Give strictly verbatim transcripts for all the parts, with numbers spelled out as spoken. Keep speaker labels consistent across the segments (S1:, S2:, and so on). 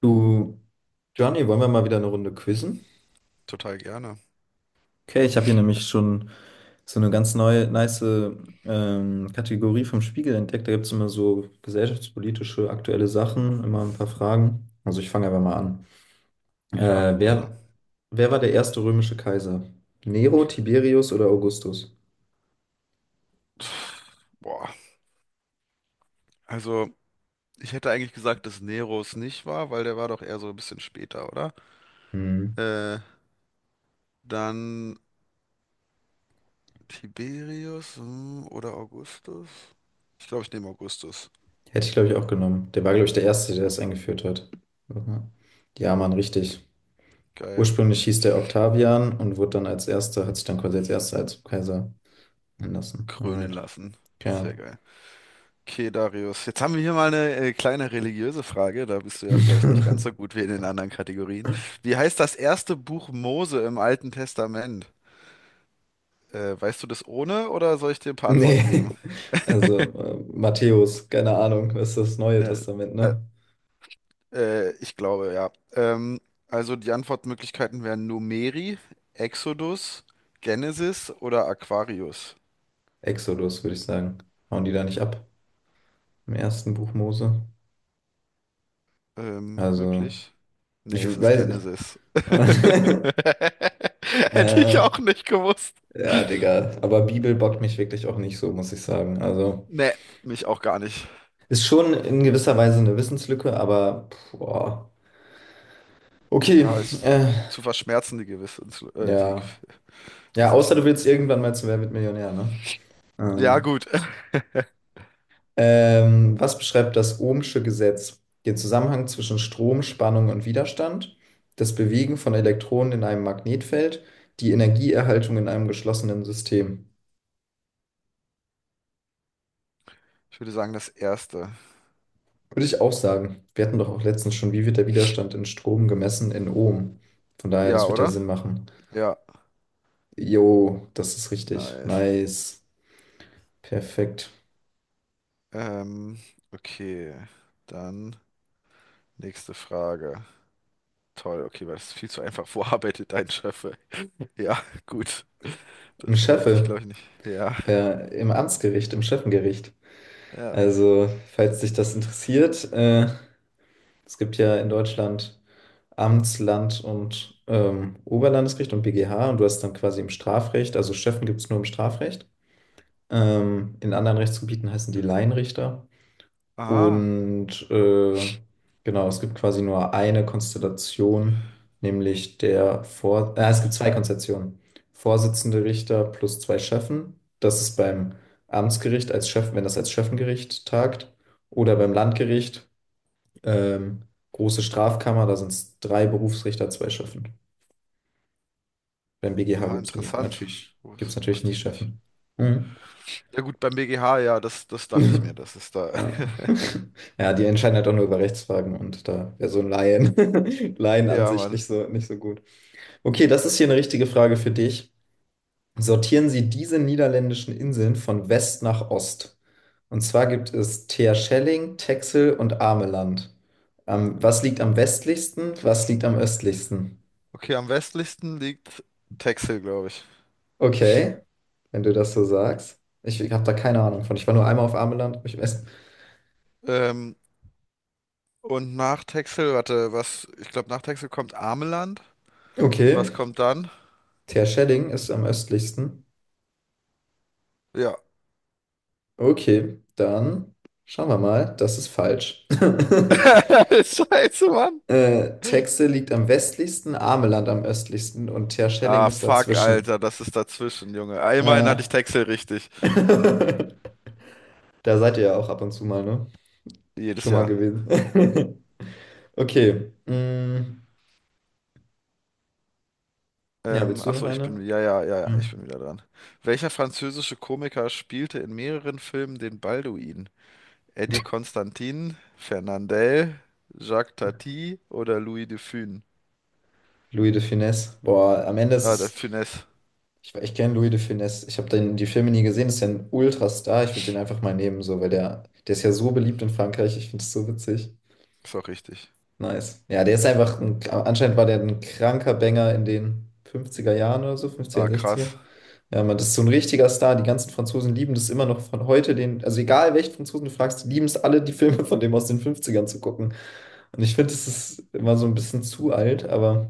S1: Du, Johnny, wollen wir mal wieder eine Runde quizzen?
S2: Total gerne.
S1: Okay, ich habe hier nämlich schon so eine ganz neue, nice ähm, Kategorie vom Spiegel entdeckt. Da gibt es immer so gesellschaftspolitische, aktuelle Sachen, immer ein paar Fragen. Also ich fange einfach mal an.
S2: Klar,
S1: Äh,
S2: gerne.
S1: wer, wer war der erste römische Kaiser? Nero, Tiberius oder Augustus?
S2: Pff, boah. Also, ich hätte eigentlich gesagt, dass Nero es nicht war, weil der war doch eher so ein bisschen später, oder?
S1: Hm.
S2: Äh, Dann Tiberius, hm, oder Augustus? Ich glaube, ich nehme Augustus.
S1: Hätte ich, glaube ich, auch genommen. Der war, glaube ich, der Erste, der das eingeführt hat. Aha. Ja, Mann, richtig.
S2: Geil.
S1: Ursprünglich hieß der Octavian und wurde dann als Erster, hat sich dann quasi als Erster als Kaiser Anderson,
S2: Krönen
S1: alright.
S2: lassen. Sehr
S1: Ja.
S2: geil. Okay, Darius. Jetzt haben wir hier mal eine äh, kleine religiöse Frage. Da bist du ja vielleicht nicht ganz so gut wie in den anderen Kategorien. Wie heißt das erste Buch Mose im Alten Testament? Äh, weißt du das ohne oder soll ich dir ein paar Antworten
S1: Nee,
S2: geben?
S1: also äh, Matthäus, keine Ahnung, das ist das Neue
S2: Ne,
S1: Testament,
S2: äh,
S1: ne?
S2: Äh, ich glaube, ja. Ähm, also die Antwortmöglichkeiten wären Numeri, Exodus, Genesis oder Aquarius.
S1: Exodus, würde ich sagen. Hauen die da nicht ab im ersten Buch Mose?
S2: Ähm,
S1: Also,
S2: möglich? Nee,
S1: ich
S2: es ist
S1: weiß.
S2: Genesis. Hätte ich
S1: äh,
S2: auch nicht gewusst.
S1: ja, Digga. Aber Bibel bockt mich wirklich auch nicht so, muss ich sagen. Also,
S2: Nee, mich auch gar nicht.
S1: ist schon in gewisser Weise eine Wissenslücke, aber, boah. Okay,
S2: Ja, ist
S1: äh,
S2: zu verschmerzen, die Gewissens äh, die Ge-
S1: ja. Ja, außer du
S2: Wissenslücke.
S1: willst irgendwann mal zu Wer wird Millionär, ne?
S2: Ja,
S1: Ähm,
S2: gut.
S1: Ähm, was beschreibt das Ohmsche Gesetz? Den Zusammenhang zwischen Strom, Spannung und Widerstand, das Bewegen von Elektronen in einem Magnetfeld, die Energieerhaltung in einem geschlossenen System.
S2: Ich würde sagen, das erste.
S1: Würde ich auch sagen. Wir hatten doch auch letztens schon, wie wird der Widerstand in Strom gemessen in Ohm? Von daher, das
S2: Ja,
S1: wird ja
S2: oder?
S1: Sinn machen.
S2: Ja,
S1: Jo, das ist richtig.
S2: nice.
S1: Nice. Perfekt.
S2: Ähm, okay, dann nächste Frage. Toll, okay, weil das ist viel zu einfach. Wo arbeitet dein Chef? Ey? Ja, gut.
S1: Ein
S2: Das bräuchte ich,
S1: Scheffe
S2: glaube ich, nicht. Ja,
S1: äh, im Amtsgericht, im Schöffengericht.
S2: ja.
S1: Also, falls dich das interessiert, äh, es gibt ja in Deutschland. Amtsland und ähm, Oberlandesgericht und B G H, und du hast dann quasi im Strafrecht, also Schöffen gibt es nur im Strafrecht. Ähm, in anderen Rechtsgebieten heißen die Laienrichter.
S2: Aha,
S1: Und äh, genau, es gibt quasi nur eine Konstellation, nämlich der Vor äh, es gibt zwei Konstellationen. Vorsitzende Richter plus zwei Schöffen. Das ist beim Amtsgericht als Schöffen, wenn das als Schöffengericht tagt, oder beim Landgericht, ähm, große Strafkammer, da sind es drei Berufsrichter, zwei Schöffen. Beim B G H
S2: aha,
S1: gibt es nie,
S2: interessant.
S1: natürlich, gibt's
S2: Wus
S1: natürlich
S2: wusste
S1: nie
S2: ich nicht.
S1: Chefen. Mhm.
S2: Ja gut, beim B G H, ja, das, das dachte ich mir, das ist da.
S1: Ja. Ja, die entscheiden halt auch nur über Rechtsfragen und da wäre so ein Laien,
S2: Ja,
S1: Laienansicht
S2: Mann.
S1: nicht so, nicht so gut. Okay, das ist hier eine richtige Frage für dich. Sortieren Sie diese niederländischen Inseln von West nach Ost. Und zwar gibt es Terschelling, Texel und Ameland. Ähm, was liegt am westlichsten? Was liegt am östlichsten?
S2: Okay, am westlichsten liegt Texel, glaube ich.
S1: Okay, wenn du das so sagst. Ich habe da keine Ahnung von. Ich war nur einmal auf Ameland, hab mich im
S2: Ähm, und nach Texel, warte, was, ich glaube, nach Texel kommt Ameland. Und
S1: Okay,
S2: was kommt dann?
S1: Terschelling ist am östlichsten.
S2: Ja.
S1: Okay, dann schauen wir mal. Das ist falsch.
S2: Scheiße, Mann.
S1: äh, Texel liegt am westlichsten, Ameland am östlichsten und Terschelling
S2: Ah,
S1: ist
S2: fuck,
S1: dazwischen.
S2: Alter, das ist dazwischen, Junge. Einmal hatte ich
S1: Ja.
S2: Texel richtig.
S1: Da seid ihr ja auch ab und zu mal, ne?
S2: Jedes
S1: Schon mal
S2: Jahr.
S1: gewesen. Okay. mm, ja,
S2: Ähm,
S1: willst du noch
S2: achso, ich bin,
S1: eine?
S2: ja, ja, ja, ja,
S1: Ja.
S2: ich bin wieder dran. Welcher französische Komiker spielte in mehreren Filmen den Balduin? Eddie Constantin, Fernandel, Jacques Tati oder Louis de Funès?
S1: Louis de Funès. Boah, am Ende ist
S2: Ah, der
S1: es.
S2: Funès.
S1: Ich, ich kenne Louis de Funès. Ich habe den die Filme nie gesehen. Das ist ja ein Ultrastar. Ich würde den einfach mal nehmen, so, weil der, der ist ja so beliebt in Frankreich. Ich finde es so witzig.
S2: Ist auch richtig.
S1: Nice. Ja, der ist einfach ein, anscheinend war der ein kranker Banger in den fünfziger Jahren oder so, fünfzig
S2: Ah,
S1: sechziger.
S2: krass.
S1: Ja, man, das ist so ein richtiger Star. Die ganzen Franzosen lieben das immer noch von heute. Den, also egal welchen Franzosen du fragst, die lieben es alle, die Filme von dem aus den fünfzigern zu gucken. Und ich finde, das ist immer so ein bisschen zu alt, aber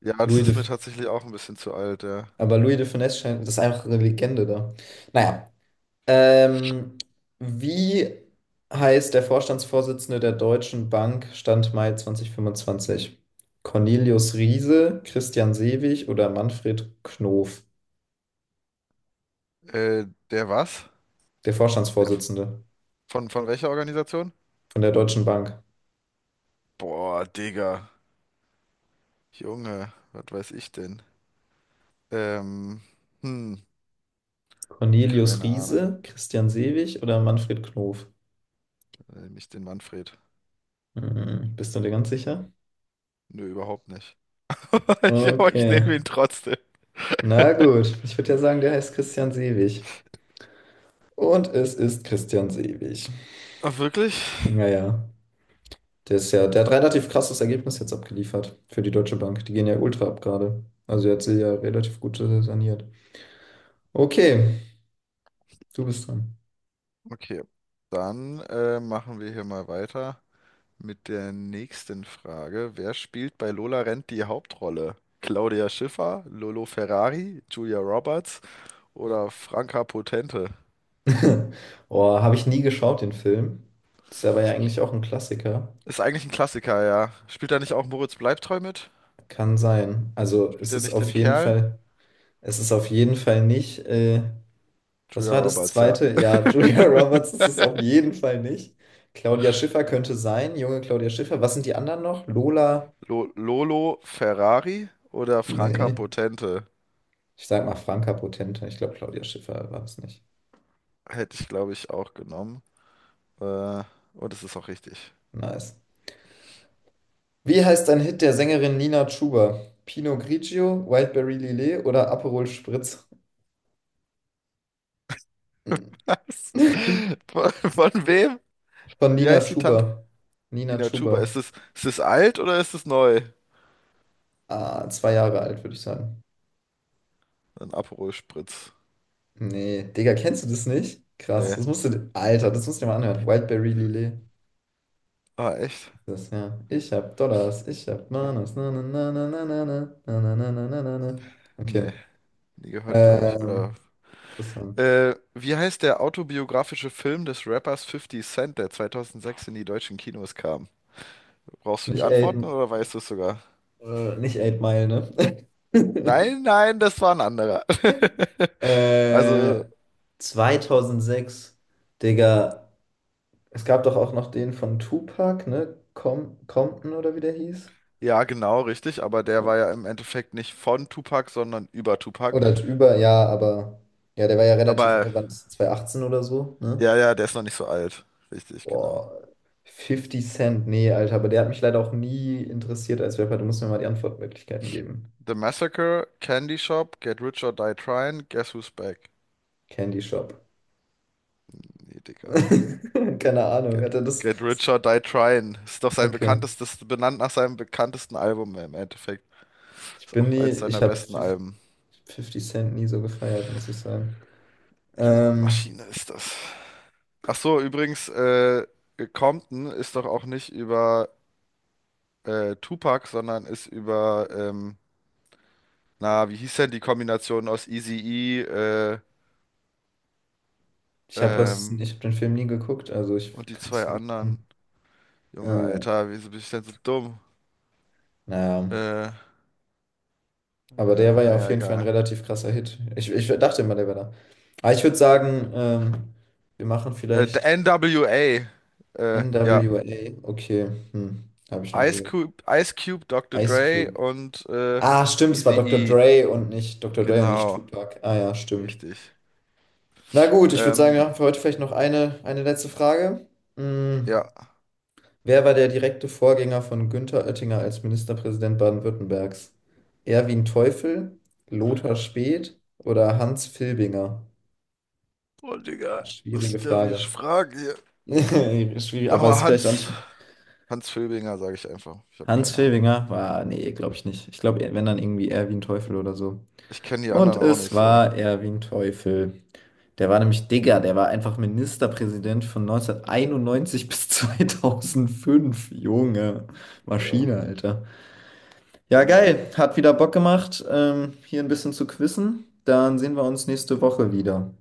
S2: Ja, das
S1: Louis
S2: ist
S1: de,
S2: mir tatsächlich auch ein bisschen zu alt, ja.
S1: aber Louis de Funès scheint, das ist einfach eine Legende da. Naja, Ähm, wie heißt der Vorstandsvorsitzende der Deutschen Bank Stand Mai zwanzig fünfundzwanzig? Cornelius Riese, Christian Sewig oder Manfred Knof?
S2: Äh, der was?
S1: Der
S2: Der f-
S1: Vorstandsvorsitzende
S2: von, von welcher Organisation?
S1: von, der Deutschen Bank.
S2: Boah, Digga. Junge, was weiß ich denn? Ähm, hm,
S1: Cornelius
S2: Keine Ahnung.
S1: Riese, Christian Sewig oder Manfred Knof?
S2: Nämlich den Manfred.
S1: Hm, bist du dir ganz sicher?
S2: Nö, überhaupt nicht. Ich, aber ich nehme
S1: Okay.
S2: ihn trotzdem.
S1: Na gut, ich würde ja sagen, der heißt Christian Sewig. Und es ist Christian Sewig.
S2: Ach, wirklich?
S1: Naja. Der ist ja, der hat relativ krasses Ergebnis jetzt abgeliefert für die Deutsche Bank. Die gehen ja ultra ab gerade. Also die hat sie ja relativ gut äh, saniert. Okay, du bist dran.
S2: Okay. Dann äh, machen wir hier mal weiter mit der nächsten Frage. Wer spielt bei Lola Rent die Hauptrolle? Claudia Schiffer, Lolo Ferrari, Julia Roberts oder Franka Potente?
S1: Oh, habe ich nie geschaut, den Film. Ist aber ja eigentlich auch ein Klassiker.
S2: Ist eigentlich ein Klassiker, ja. Spielt da nicht auch Moritz Bleibtreu mit?
S1: Kann sein. Also
S2: Spielt
S1: es
S2: er
S1: ist
S2: nicht den
S1: auf jeden
S2: Kerl?
S1: Fall, es ist auf jeden Fall nicht. Äh, was
S2: Julia
S1: war das
S2: Roberts, ja.
S1: zweite? Ja, Julia Roberts ist es auf jeden Fall nicht. Claudia Schiffer könnte sein, junge Claudia Schiffer. Was sind die anderen noch? Lola?
S2: Lo Lolo Ferrari oder Franka
S1: Nee.
S2: Potente?
S1: Ich sag mal Franka Potente. Ich glaube, Claudia Schiffer war es nicht.
S2: Hätte ich, glaube ich, auch genommen. Äh, und es ist auch richtig.
S1: Nice. Wie heißt ein Hit der Sängerin Nina Chuba? Pinot Grigio, Wildberry Lillet oder Aperol Spritz?
S2: Was? Von, von wem?
S1: Von
S2: Wie
S1: Nina
S2: heißt die Tante?
S1: Chuba. Nina
S2: Ina
S1: Chuba.
S2: Chuba. Ist es, ist es alt oder ist es neu?
S1: Ah, zwei Jahre alt, würde ich sagen.
S2: Ein Aperol Spritz.
S1: Nee, Digga, kennst du das nicht? Krass, das
S2: Nee.
S1: musst du, Alter, das musst du dir mal anhören. Wildberry Lillet.
S2: Ah, echt?
S1: Das, ja. Ich hab Dollars, ich hab Manas. Na, na, na, na, na, na, na, na, na, na, na, na, na.
S2: Nee.
S1: Okay.
S2: Nie gehört, glaube ich. Oder.
S1: Ähm, interessant.
S2: Äh, wie heißt der autobiografische Film des Rappers Fifty Cent, der zweitausendsechs in die deutschen Kinos kam? Brauchst du die
S1: Nicht A,
S2: Antworten oder weißt du es sogar?
S1: Äh, nicht Eight Mile, ne?
S2: Nein, nein, das war ein anderer. Also
S1: äh, zweitausendsechs, Digga. Es gab doch auch noch den von Tupac, ne? Com Compton oder wie der hieß.
S2: ja, genau, richtig, aber der war ja im Endeffekt nicht von Tupac, sondern über Tupac.
S1: Oder über, ja, aber ja, der war ja relativ,
S2: Aber
S1: äh, wann ist das, zwanzig achtzehn oder so, ne?
S2: ja, ja, der ist noch nicht so alt. Richtig, genau.
S1: Boah, fifty Cent, nee, Alter, aber der hat mich leider auch nie interessiert als Rapper. Du musst mir mal die Antwortmöglichkeiten geben.
S2: The Massacre, Candy Shop, Get Rich or Die Tryin', Guess Who's Back?
S1: Candy Shop.
S2: Nee, Digga.
S1: Keine Ahnung,
S2: Get,
S1: hat er das?
S2: Get Rich or Die Tryin'. Ist doch sein
S1: Okay.
S2: bekanntestes, benannt nach seinem bekanntesten Album im Endeffekt.
S1: Ich
S2: Ist
S1: bin
S2: auch
S1: nie,
S2: eins seiner
S1: ich habe
S2: besten Alben.
S1: Fifty Cent nie so gefeiert, muss ich sagen.
S2: Junge,
S1: Ähm,
S2: Maschine ist das. Ach so, übrigens, äh, Compton ist doch auch nicht über äh, Tupac, sondern ist über ähm, na, wie hieß denn die Kombination aus Eazy-E äh,
S1: ich habe das,
S2: ähm,
S1: ich habe den Film nie geguckt, also ich
S2: und die
S1: kann es
S2: zwei
S1: nicht sagen.
S2: anderen? Junge,
S1: Äh,
S2: Alter, wieso bin ich denn so dumm?
S1: naja,
S2: Äh, äh,
S1: aber der war ja auf
S2: naja,
S1: jeden Fall ein
S2: egal.
S1: relativ krasser Hit. Ich, ich dachte immer, der wäre da. Aber ich würde sagen, ähm, wir machen
S2: Äh,
S1: vielleicht
S2: der N W A. Äh, ja.
S1: N W A. Okay, hm, habe ich noch nie
S2: Ice
S1: gehört.
S2: Cube, Ice Cube, Doktor
S1: Ice
S2: Dre
S1: Cube.
S2: und äh,
S1: Ah, stimmt, es war Dr.
S2: Eazy-E.
S1: Dre und nicht Dr. Dre und nicht
S2: Genau,
S1: Tupac. Ah ja, stimmt.
S2: richtig.
S1: Na gut, ich würde sagen,
S2: Ähm,
S1: wir machen für heute vielleicht noch eine, eine letzte Frage. Mm.
S2: ja.
S1: Wer war der direkte Vorgänger von Günther Oettinger als Ministerpräsident Baden-Württembergs? Erwin Teufel, Lothar Späth oder Hans Filbinger?
S2: Oh, Digga,
S1: Ah,
S2: was
S1: schwierige
S2: ist der wieder
S1: Frage.
S2: Frage hier?
S1: Schwierig,
S2: Sag
S1: aber
S2: mal,
S1: es ist vielleicht auch
S2: Hans.
S1: nicht.
S2: Hans Filbinger, sage ich einfach. Ich habe
S1: Hans
S2: keine Ahnung.
S1: Filbinger? Ah, nee, glaube ich nicht. Ich glaube, wenn dann irgendwie Erwin Teufel oder so.
S2: Ich kenne die
S1: Und
S2: anderen auch
S1: es
S2: nicht so.
S1: war Erwin Teufel. Der war nämlich Digger, der war einfach Ministerpräsident von neunzehnhunderteinundneunzig bis zweitausendfünf. Junge,
S2: Ja,
S1: Maschine, Alter. Ja,
S2: Junge.
S1: geil. Hat wieder Bock gemacht, ähm, hier ein bisschen zu quizzen. Dann sehen wir uns nächste Woche wieder.